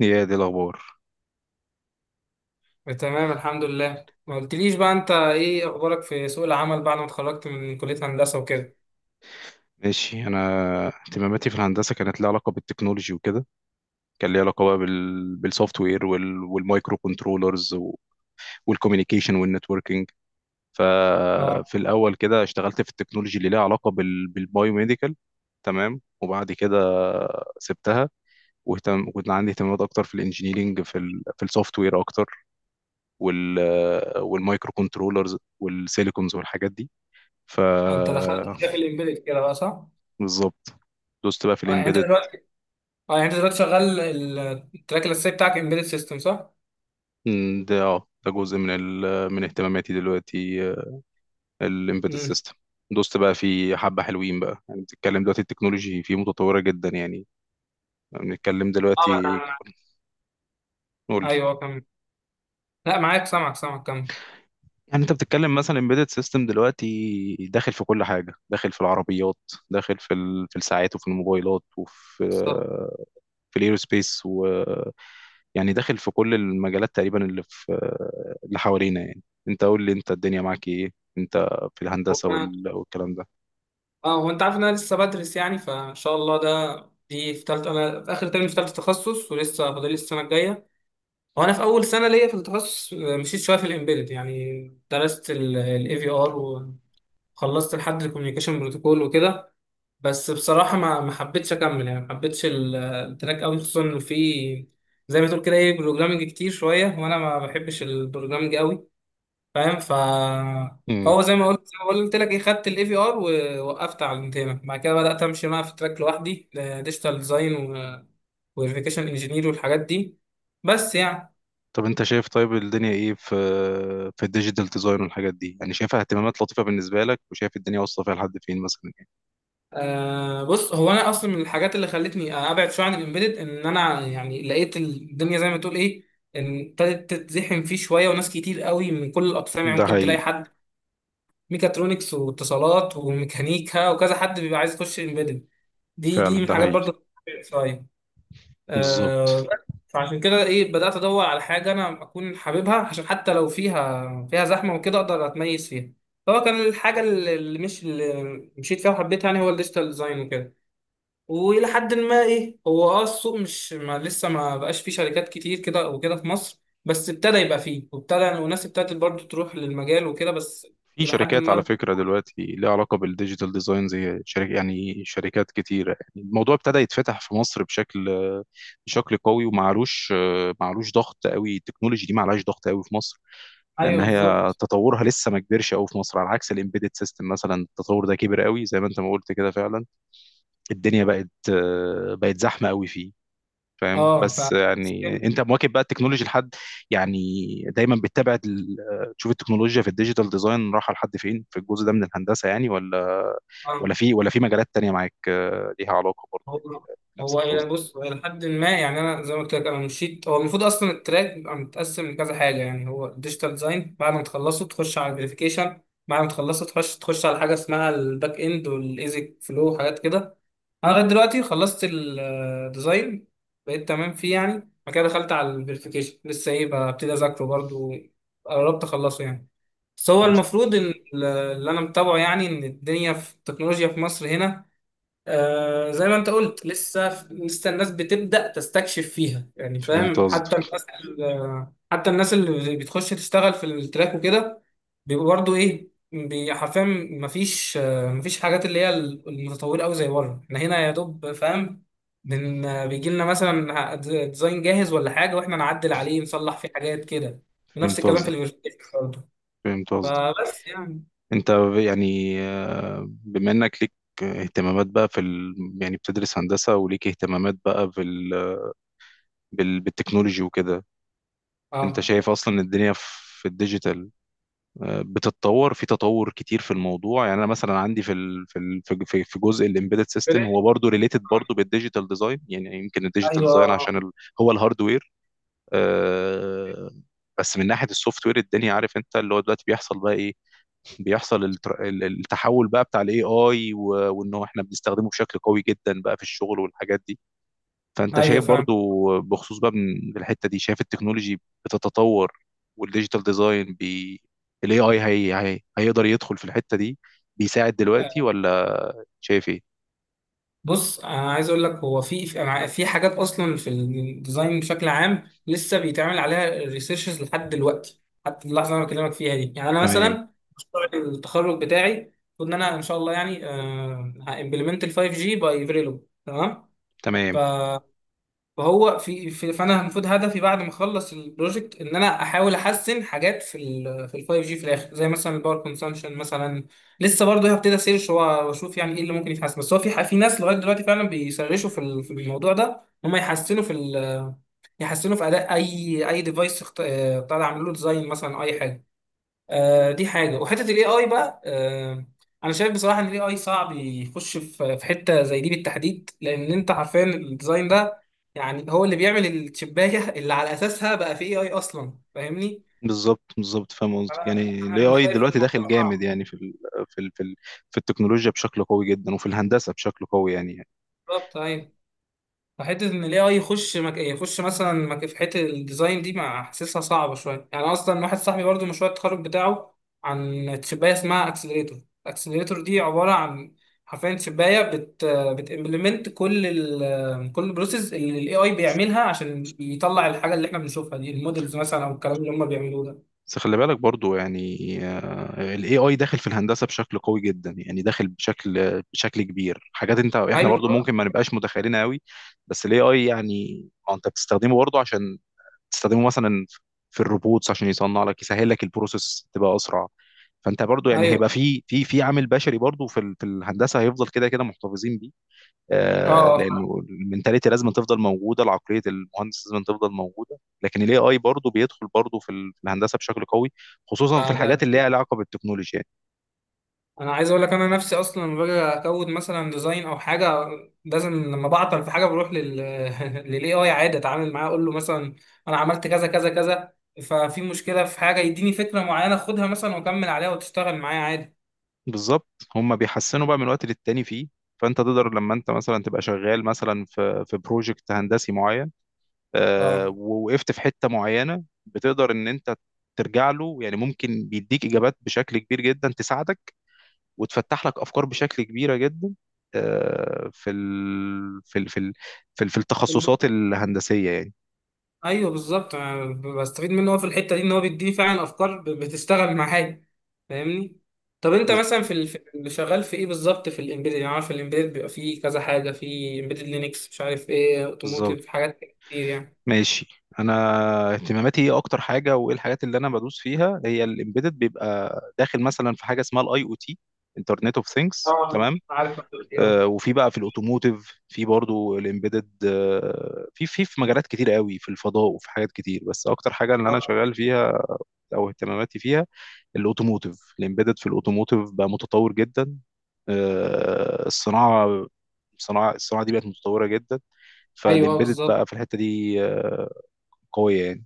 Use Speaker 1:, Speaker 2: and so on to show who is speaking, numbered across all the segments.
Speaker 1: يا دي الأخبار.
Speaker 2: تمام، الحمد لله. ما قلتليش بقى انت ايه اخبارك في سوق العمل بعد ما اتخرجت من كلية هندسة وكده؟
Speaker 1: ماشي، أنا اهتماماتي في الهندسة كانت ليها علاقة بالتكنولوجي وكده. كان ليها علاقة بقى بالسوفت وير والمايكرو كنترولرز والكوميونيكيشن والنتوركينج.
Speaker 2: اه
Speaker 1: ففي الأول كده اشتغلت في التكنولوجي اللي ليها علاقة بالبايوميديكال. تمام، وبعد كده سبتها. كنت عندي اهتمامات اكتر في الانجينيرينج في السوفت وير اكتر، وال والمايكرو كنترولرز والسيليكونز والحاجات دي. ف
Speaker 2: انت دخلت في الامبيدد كده بقى صح؟
Speaker 1: بالظبط، دوست بقى في
Speaker 2: اه يعني انت
Speaker 1: الامبيدد.
Speaker 2: دلوقتي اه يعني انت دلوقتي شغال التراك الاساسي بتاعك امبيدد سيستم صح؟
Speaker 1: ده جزء من اهتماماتي دلوقتي، الامبيدد
Speaker 2: امم
Speaker 1: سيستم. دوست بقى في حبة حلوين بقى. يعني بتتكلم دلوقتي، التكنولوجي فيه متطورة جدا يعني. بنتكلم
Speaker 2: اه
Speaker 1: دلوقتي.
Speaker 2: انا
Speaker 1: قول لي.
Speaker 2: ايوه كمل. لا معاك، سامعك سامعك، كمل.
Speaker 1: يعني انت بتتكلم مثلا امبيدد سيستم دلوقتي داخل في كل حاجة، داخل في العربيات، داخل في الساعات، وفي الموبايلات، وفي
Speaker 2: بالظبط.
Speaker 1: آه، في الايروسبيس، و... يعني داخل في كل المجالات تقريبا اللي حوالينا يعني. انت قول لي، انت الدنيا معاك ايه؟ انت في
Speaker 2: هو
Speaker 1: الهندسة
Speaker 2: أنا-
Speaker 1: والكلام ده.
Speaker 2: اه هو انت عارف ان انا لسه بدرس، يعني فان شاء الله ده دي في ثالثه. انا في اخر ترم في ثالثه تخصص ولسه فاضل لي السنه الجايه، وانا في اول سنه ليا في التخصص. مشيت شويه في الامبيدد يعني. درست الاي في ار، وخلصت لحد الكوميونيكيشن بروتوكول وكده. بس بصراحه ما حبيتش اكمل، يعني ما حبيتش التراك قوي، خصوصا انه في، زي ما تقول كده ايه، بروجرامنج كتير شويه، وانا ما بحبش البروجرامنج قوي، فاهم؟
Speaker 1: امم.
Speaker 2: هو زي ما قلت لك ايه، خدت الاي في ار ووقفت على الانتهاء، بعد كده بدات امشي بقى في تراك لوحدي، ديجيتال ديزاين وفيريفيكيشن انجينير والحاجات دي. بس يعني
Speaker 1: طب انت شايف، طيب الدنيا ايه في الديجيتال ديزاين والحاجات دي؟ يعني شايفها اهتمامات لطيفة بالنسبة لك، وشايف الدنيا واصلة فيها لحد فين مثلا يعني؟
Speaker 2: بص، هو انا اصلا من الحاجات اللي خلتني ابعد شويه عن الامبيدد ان انا يعني لقيت الدنيا زي ما تقول ايه، ان ابتدت تتزحم فيه شويه وناس كتير قوي من كل الاقسام، يعني
Speaker 1: ده
Speaker 2: ممكن تلاقي
Speaker 1: حقيقي.
Speaker 2: حد ميكاترونكس واتصالات وميكانيكا وكذا حد بيبقى عايز يخش امبيدد. دي من
Speaker 1: فعلا ده
Speaker 2: الحاجات
Speaker 1: حقيقي.
Speaker 2: برضه شويه. آه
Speaker 1: بالظبط.
Speaker 2: بس، فعشان كده ايه، بدات ادور على حاجه انا اكون حاببها، عشان حتى لو فيها زحمه وكده اقدر اتميز فيها. فهو كان الحاجه اللي اللي مش اللي مشيت فيها وحبيتها يعني هو الديجيتال ديزاين وكده. والى حد ما ايه، هو السوق مش ما لسه ما بقاش فيه شركات كتير كده وكده في مصر، بس ابتدى يبقى فيه، وابتدى وناس ابتدت برضه تروح للمجال وكده، بس
Speaker 1: في
Speaker 2: الى حد
Speaker 1: شركات على
Speaker 2: ما.
Speaker 1: فكرة دلوقتي ليها علاقة بالديجيتال ديزاين، زي شركة، يعني شركات كتيرة. يعني الموضوع ابتدى يتفتح في مصر بشكل قوي. ومعلوش، ضغط قوي، التكنولوجي دي معلهاش ضغط قوي في مصر، لان
Speaker 2: ايوه
Speaker 1: هي
Speaker 2: بالظبط.
Speaker 1: تطورها لسه ما كبرش قوي في مصر، على عكس الامبيدد سيستم مثلا، التطور ده كبر قوي زي ما انت ما قلت كده فعلا. الدنيا بقت زحمه قوي فيه. فاهم؟
Speaker 2: اه ف
Speaker 1: بس يعني انت مواكب بقى التكنولوجي لحد، يعني، دايما بتتابع تشوف التكنولوجيا في الديجيتال ديزاين رايحه لحد فين في الجزء ده من الهندسه يعني؟ ولا،
Speaker 2: اه
Speaker 1: ولا في مجالات تانية معاك ليها علاقه برضه
Speaker 2: هو
Speaker 1: بنفس
Speaker 2: هو
Speaker 1: الباز
Speaker 2: الى
Speaker 1: ده؟
Speaker 2: بص، هو الى حد ما يعني، انا زي ما قلت لك انا مشيت، هو المفروض اصلا التراك بيبقى متقسم لكذا حاجه، يعني هو ديجيتال ديزاين بعد ما تخلصه تخش على الفيريفيكيشن، بعد ما تخلصه تخش على حاجه اسمها الباك اند والايزك فلو وحاجات كده. انا لغايه دلوقتي خلصت الديزاين، بقيت تمام فيه يعني. بعد كده دخلت على الفيريفيكيشن، لسه ايه ببتدي اذاكره برضو، قربت اخلصه يعني. بس هو
Speaker 1: بس.
Speaker 2: المفروض ان اللي انا متابعه يعني ان الدنيا في التكنولوجيا في مصر هنا، زي ما انت قلت، لسه الناس بتبدأ تستكشف فيها، يعني
Speaker 1: فهمت
Speaker 2: فاهم؟
Speaker 1: قصدك.
Speaker 2: حتى حتى الناس اللي بتخش تشتغل في التراك وكده بيبقوا برضه ايه، حرفيا مفيش حاجات اللي هي المتطورة قوي زي بره، احنا هنا يا دوب فاهم. بن آه، بيجي لنا مثلا ديزاين جاهز ولا حاجة واحنا نعدل عليه، نصلح فيه حاجات كده. ونفس
Speaker 1: فهمت
Speaker 2: الكلام في
Speaker 1: قصدك.
Speaker 2: الفيرتيكس برضه.
Speaker 1: فهمت قصدك.
Speaker 2: فبس يعني.
Speaker 1: انت يعني، بما انك ليك اهتمامات بقى في ال... يعني بتدرس هندسة وليك اهتمامات بقى بالتكنولوجي وكده. انت
Speaker 2: اه
Speaker 1: شايف اصلا الدنيا في الديجيتال بتتطور، في تطور كتير في الموضوع يعني؟ انا مثلا عندي في ال في ال في في في جزء الامبيدد سيستم، هو برضه ريليتد برضه بالديجيتال ديزاين، يعني يمكن الديجيتال
Speaker 2: ايوه،
Speaker 1: ديزاين عشان ال هو الهاردوير. آه، بس من ناحيه السوفت وير، الدنيا عارف انت اللي هو دلوقتي بيحصل بقى ايه؟ بيحصل التحول بقى بتاع الاي اي، وان هو احنا بنستخدمه بشكل قوي جدا بقى في الشغل والحاجات دي. فانت
Speaker 2: ايوه
Speaker 1: شايف
Speaker 2: فاهم.
Speaker 1: برضو بخصوص بقى من الحته دي، شايف التكنولوجي بتتطور، والديجيتال ديزاين الاي اي هيقدر يدخل في الحته دي، بيساعد دلوقتي ولا؟ شايف ايه؟
Speaker 2: بص، انا عايز اقول لك هو في حاجات اصلا في الديزاين بشكل عام لسه بيتعمل عليها ريسيرشز لحد دلوقتي، حتى اللحظه اللي انا بكلمك فيها دي. يعني انا
Speaker 1: تمام،
Speaker 2: مثلا مشروع التخرج بتاعي المفروض ان انا ان شاء الله يعني امبلمنت ال 5G باي فيريلوج. تمام.
Speaker 1: تمام.
Speaker 2: فهو في, في فانا المفروض هدفي بعد ما اخلص البروجكت ان انا احاول احسن حاجات في ال 5G في الاخر، زي مثلا الباور كونسامشن مثلا. لسه برضه هبتدي اسيرش واشوف يعني ايه اللي ممكن يتحسن. بس هو في في ناس لغايه دلوقتي فعلا بيسرشوا في في الموضوع ده، هم يحسنوا في يحسنوا في اداء اي اي ديفايس، طالع عامل له ديزاين مثلا أو اي حاجه. دي حاجه. وحته الاي اي بقى، انا شايف بصراحه ان الاي اي صعب يخش في حته زي دي بالتحديد، لان انت عارفين الديزاين ده يعني هو اللي بيعمل الشبايه اللي على اساسها بقى في اي اي اصلا، فاهمني؟
Speaker 1: بالظبط، بالظبط، فاهم قصدك.
Speaker 2: فانا
Speaker 1: يعني الاي
Speaker 2: أنا
Speaker 1: اي
Speaker 2: شايف
Speaker 1: دلوقتي داخل
Speaker 2: الموضوع
Speaker 1: جامد
Speaker 2: صعب.
Speaker 1: يعني في ال... في ال... في التكنولوجيا بشكل قوي جدا، وفي الهندسه بشكل قوي يعني.
Speaker 2: بالظبط ايوه. فحته ان الاي اي يخش مثلا في حته الديزاين دي ما حاسسها صعبه شويه يعني. اصلا واحد صاحبي برضه مشروع التخرج بتاعه عن تشبايه اسمها اكسلريتور. الاكسلريتور دي عباره عن، حرفيا، تشبايه بتimplement كل البروسيس اللي الاي اي بيعملها عشان يطلع الحاجه اللي احنا بنشوفها دي، المودلز مثلا او الكلام اللي هم بيعملوه ده.
Speaker 1: بس خلي بالك برضو، يعني، ال AI داخل في الهندسة بشكل قوي جدا، يعني داخل بشكل كبير، حاجات احنا برضو
Speaker 2: ايوه،
Speaker 1: ممكن ما نبقاش متخيلين قوي. بس ال AI، يعني ما انت بتستخدمه برضو عشان تستخدمه مثلا في الروبوتس عشان يصنع لك يسهل لك البروسيس تبقى اسرع. فانت برضو يعني
Speaker 2: ايوه.
Speaker 1: هيبقى في عامل بشري برضو في الهندسة، هيفضل كده كده محتفظين بيه.
Speaker 2: اه
Speaker 1: لانه المنتاليتي لازم تفضل موجوده، العقليه المهندس لازم تفضل موجوده، لكن الاي اي برضه بيدخل برضه في الهندسه بشكل قوي، خصوصا في
Speaker 2: ده،
Speaker 1: الحاجات اللي ليها علاقه بالتكنولوجيا يعني.
Speaker 2: انا عايز اقول لك، انا نفسي اصلا لما باجي اكود مثلا ديزاين او حاجه، لازم لما بعطل في حاجه بروح لل للاي اي عادي، اتعامل معاه اقول له مثلا انا عملت كذا كذا كذا، ففي مشكله في حاجه، يديني فكره معينه خدها مثلا واكمل عليها وتشتغل معايا عادي.
Speaker 1: بالظبط، هم بيحسنوا بقى من وقت للتاني فيه. فانت تقدر لما انت مثلا تبقى شغال مثلا في بروجكت هندسي معين،
Speaker 2: اه
Speaker 1: ووقفت في حته معينه، بتقدر ان انت ترجع له. يعني ممكن بيديك اجابات بشكل كبير جدا تساعدك، وتفتح لك افكار بشكل كبيره جدا آه، في ال... في ال... في ال... في التخصصات الهندسيه يعني.
Speaker 2: ايوه بالظبط، أنا بستفيد منه هو في الحته دي، ان هو بيديني فعلا افكار بتشتغل معايا، فاهمني؟ طب انت
Speaker 1: بز-
Speaker 2: مثلا في في اللي شغال في ايه بالظبط في الامبيدد؟ يعني عارف الامبيدد بيبقى فيه كذا حاجه، في امبيدد لينكس، مش عارف ايه،
Speaker 1: بالظبط.
Speaker 2: اوتوموتيف، حاجات كتير يعني.
Speaker 1: ماشي، انا اهتماماتي ايه اكتر حاجه، وايه الحاجات اللي انا بدوس فيها؟ هي الامبيدد بيبقى داخل مثلا في حاجه اسمها الاي او تي، انترنت اوف ثينجز،
Speaker 2: اه
Speaker 1: تمام؟
Speaker 2: عارف هتقول ايه،
Speaker 1: وفي بقى في الاوتوموتيف، في برضو الامبيدد، في مجالات كتير قوي، في الفضاء وفي حاجات كتير. بس اكتر حاجه اللي انا
Speaker 2: آه،
Speaker 1: شغال فيها او اهتماماتي فيها، الاوتوموتيف. الامبيدد في الاوتوموتيف بقى متطور جدا. الصناعه، الصناعه دي بقت متطوره جدا،
Speaker 2: ايوه.
Speaker 1: فالامبيدد
Speaker 2: بالظبط.
Speaker 1: بقى في الحته دي قويه يعني.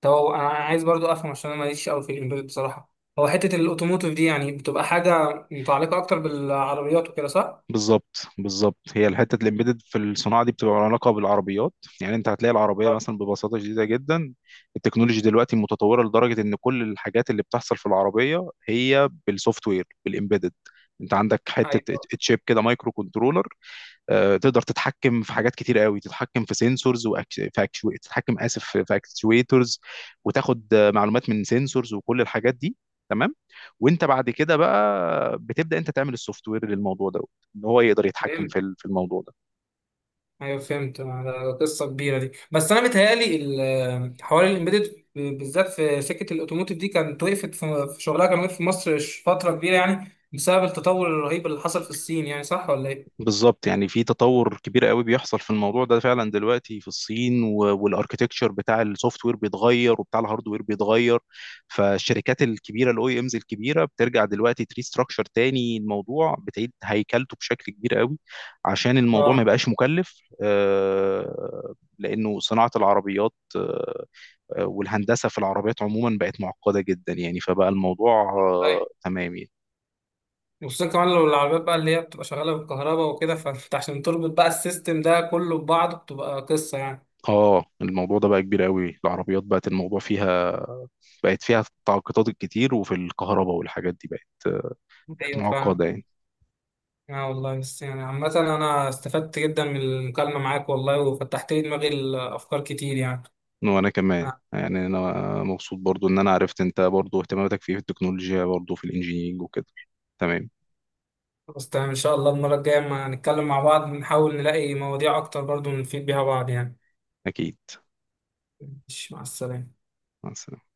Speaker 2: طب هو انا عايز برضو افهم، عشان انا ماليش قوي في الامبيدد بصراحه، هو حته الاوتوموتيف دي يعني بتبقى حاجه متعلقه اكتر بالعربيات وكده صح؟
Speaker 1: بالظبط، بالظبط، هي الحته الامبيدد في الصناعه دي بتبقى لها علاقه بالعربيات. يعني انت هتلاقي العربيه
Speaker 2: آه.
Speaker 1: مثلا ببساطه شديده جدا، التكنولوجي دلوقتي متطوره لدرجه ان كل الحاجات اللي بتحصل في العربيه هي بالسوفت وير، بالامبيدد. انت عندك حته
Speaker 2: ايوه،
Speaker 1: تشيب كده، مايكرو كنترولر، تقدر تتحكم في حاجات كتير قوي، تتحكم في سنسورز، تتحكم، اسف، في اكتويترز، وتاخد معلومات من سنسورز وكل الحاجات دي. تمام. وانت بعد كده بقى بتبدا انت تعمل السوفت وير للموضوع ده، ان هو يقدر يتحكم في الموضوع ده.
Speaker 2: ايوه فهمت. ده قصه كبيره دي. بس انا متهيألي حوار الامبيدد بالذات في سكه الاوتوموتيف دي كانت وقفت في شغلها، كان وقف في مصر فتره كبيره يعني، بسبب التطور الرهيب اللي حصل في الصين، يعني صح ولا ايه؟
Speaker 1: بالظبط، يعني في تطور كبير قوي بيحصل في الموضوع ده فعلا دلوقتي في الصين، والاركتكتشر بتاع السوفت وير بيتغير، وبتاع الهارد وير بيتغير. فالشركات الكبيره، الاو اي امز الكبيره، بترجع دلوقتي تريستراكشر تاني، الموضوع بتعيد هيكلته بشكل كبير قوي، عشان الموضوع ما
Speaker 2: اه
Speaker 1: يبقاش مكلف. لانه صناعه العربيات والهندسه في العربيات عموما بقت معقده جدا يعني، فبقى الموضوع
Speaker 2: طيب.
Speaker 1: تمام يعني.
Speaker 2: وخصوصا كمان لو العربيات بقى اللي هي بتبقى شغاله بالكهرباء وكده، فانت عشان تربط بقى السيستم ده كله ببعضه بتبقى قصه يعني.
Speaker 1: اه، الموضوع ده بقى كبير قوي. العربيات بقت الموضوع فيها، بقت فيها التعاقدات الكتير، وفي الكهرباء والحاجات دي بقت
Speaker 2: ايوه فاهم.
Speaker 1: معقدة يعني.
Speaker 2: اه والله، بس يعني عامة انا استفدت جدا من المكالمة معاك والله، وفتحت لي دماغي الافكار كتير يعني.
Speaker 1: وانا كمان يعني، انا مبسوط برضو ان انا عرفت انت برضو اهتماماتك في التكنولوجيا، برضو في الانجينيرينج وكده. تمام.
Speaker 2: خلاص، تمام، ان شاء الله المره الجايه اما نتكلم مع بعض نحاول نلاقي مواضيع اكتر برضو نفيد بيها بعض يعني.
Speaker 1: اكيد.
Speaker 2: ماشي، مع السلامه.
Speaker 1: مع السلامة.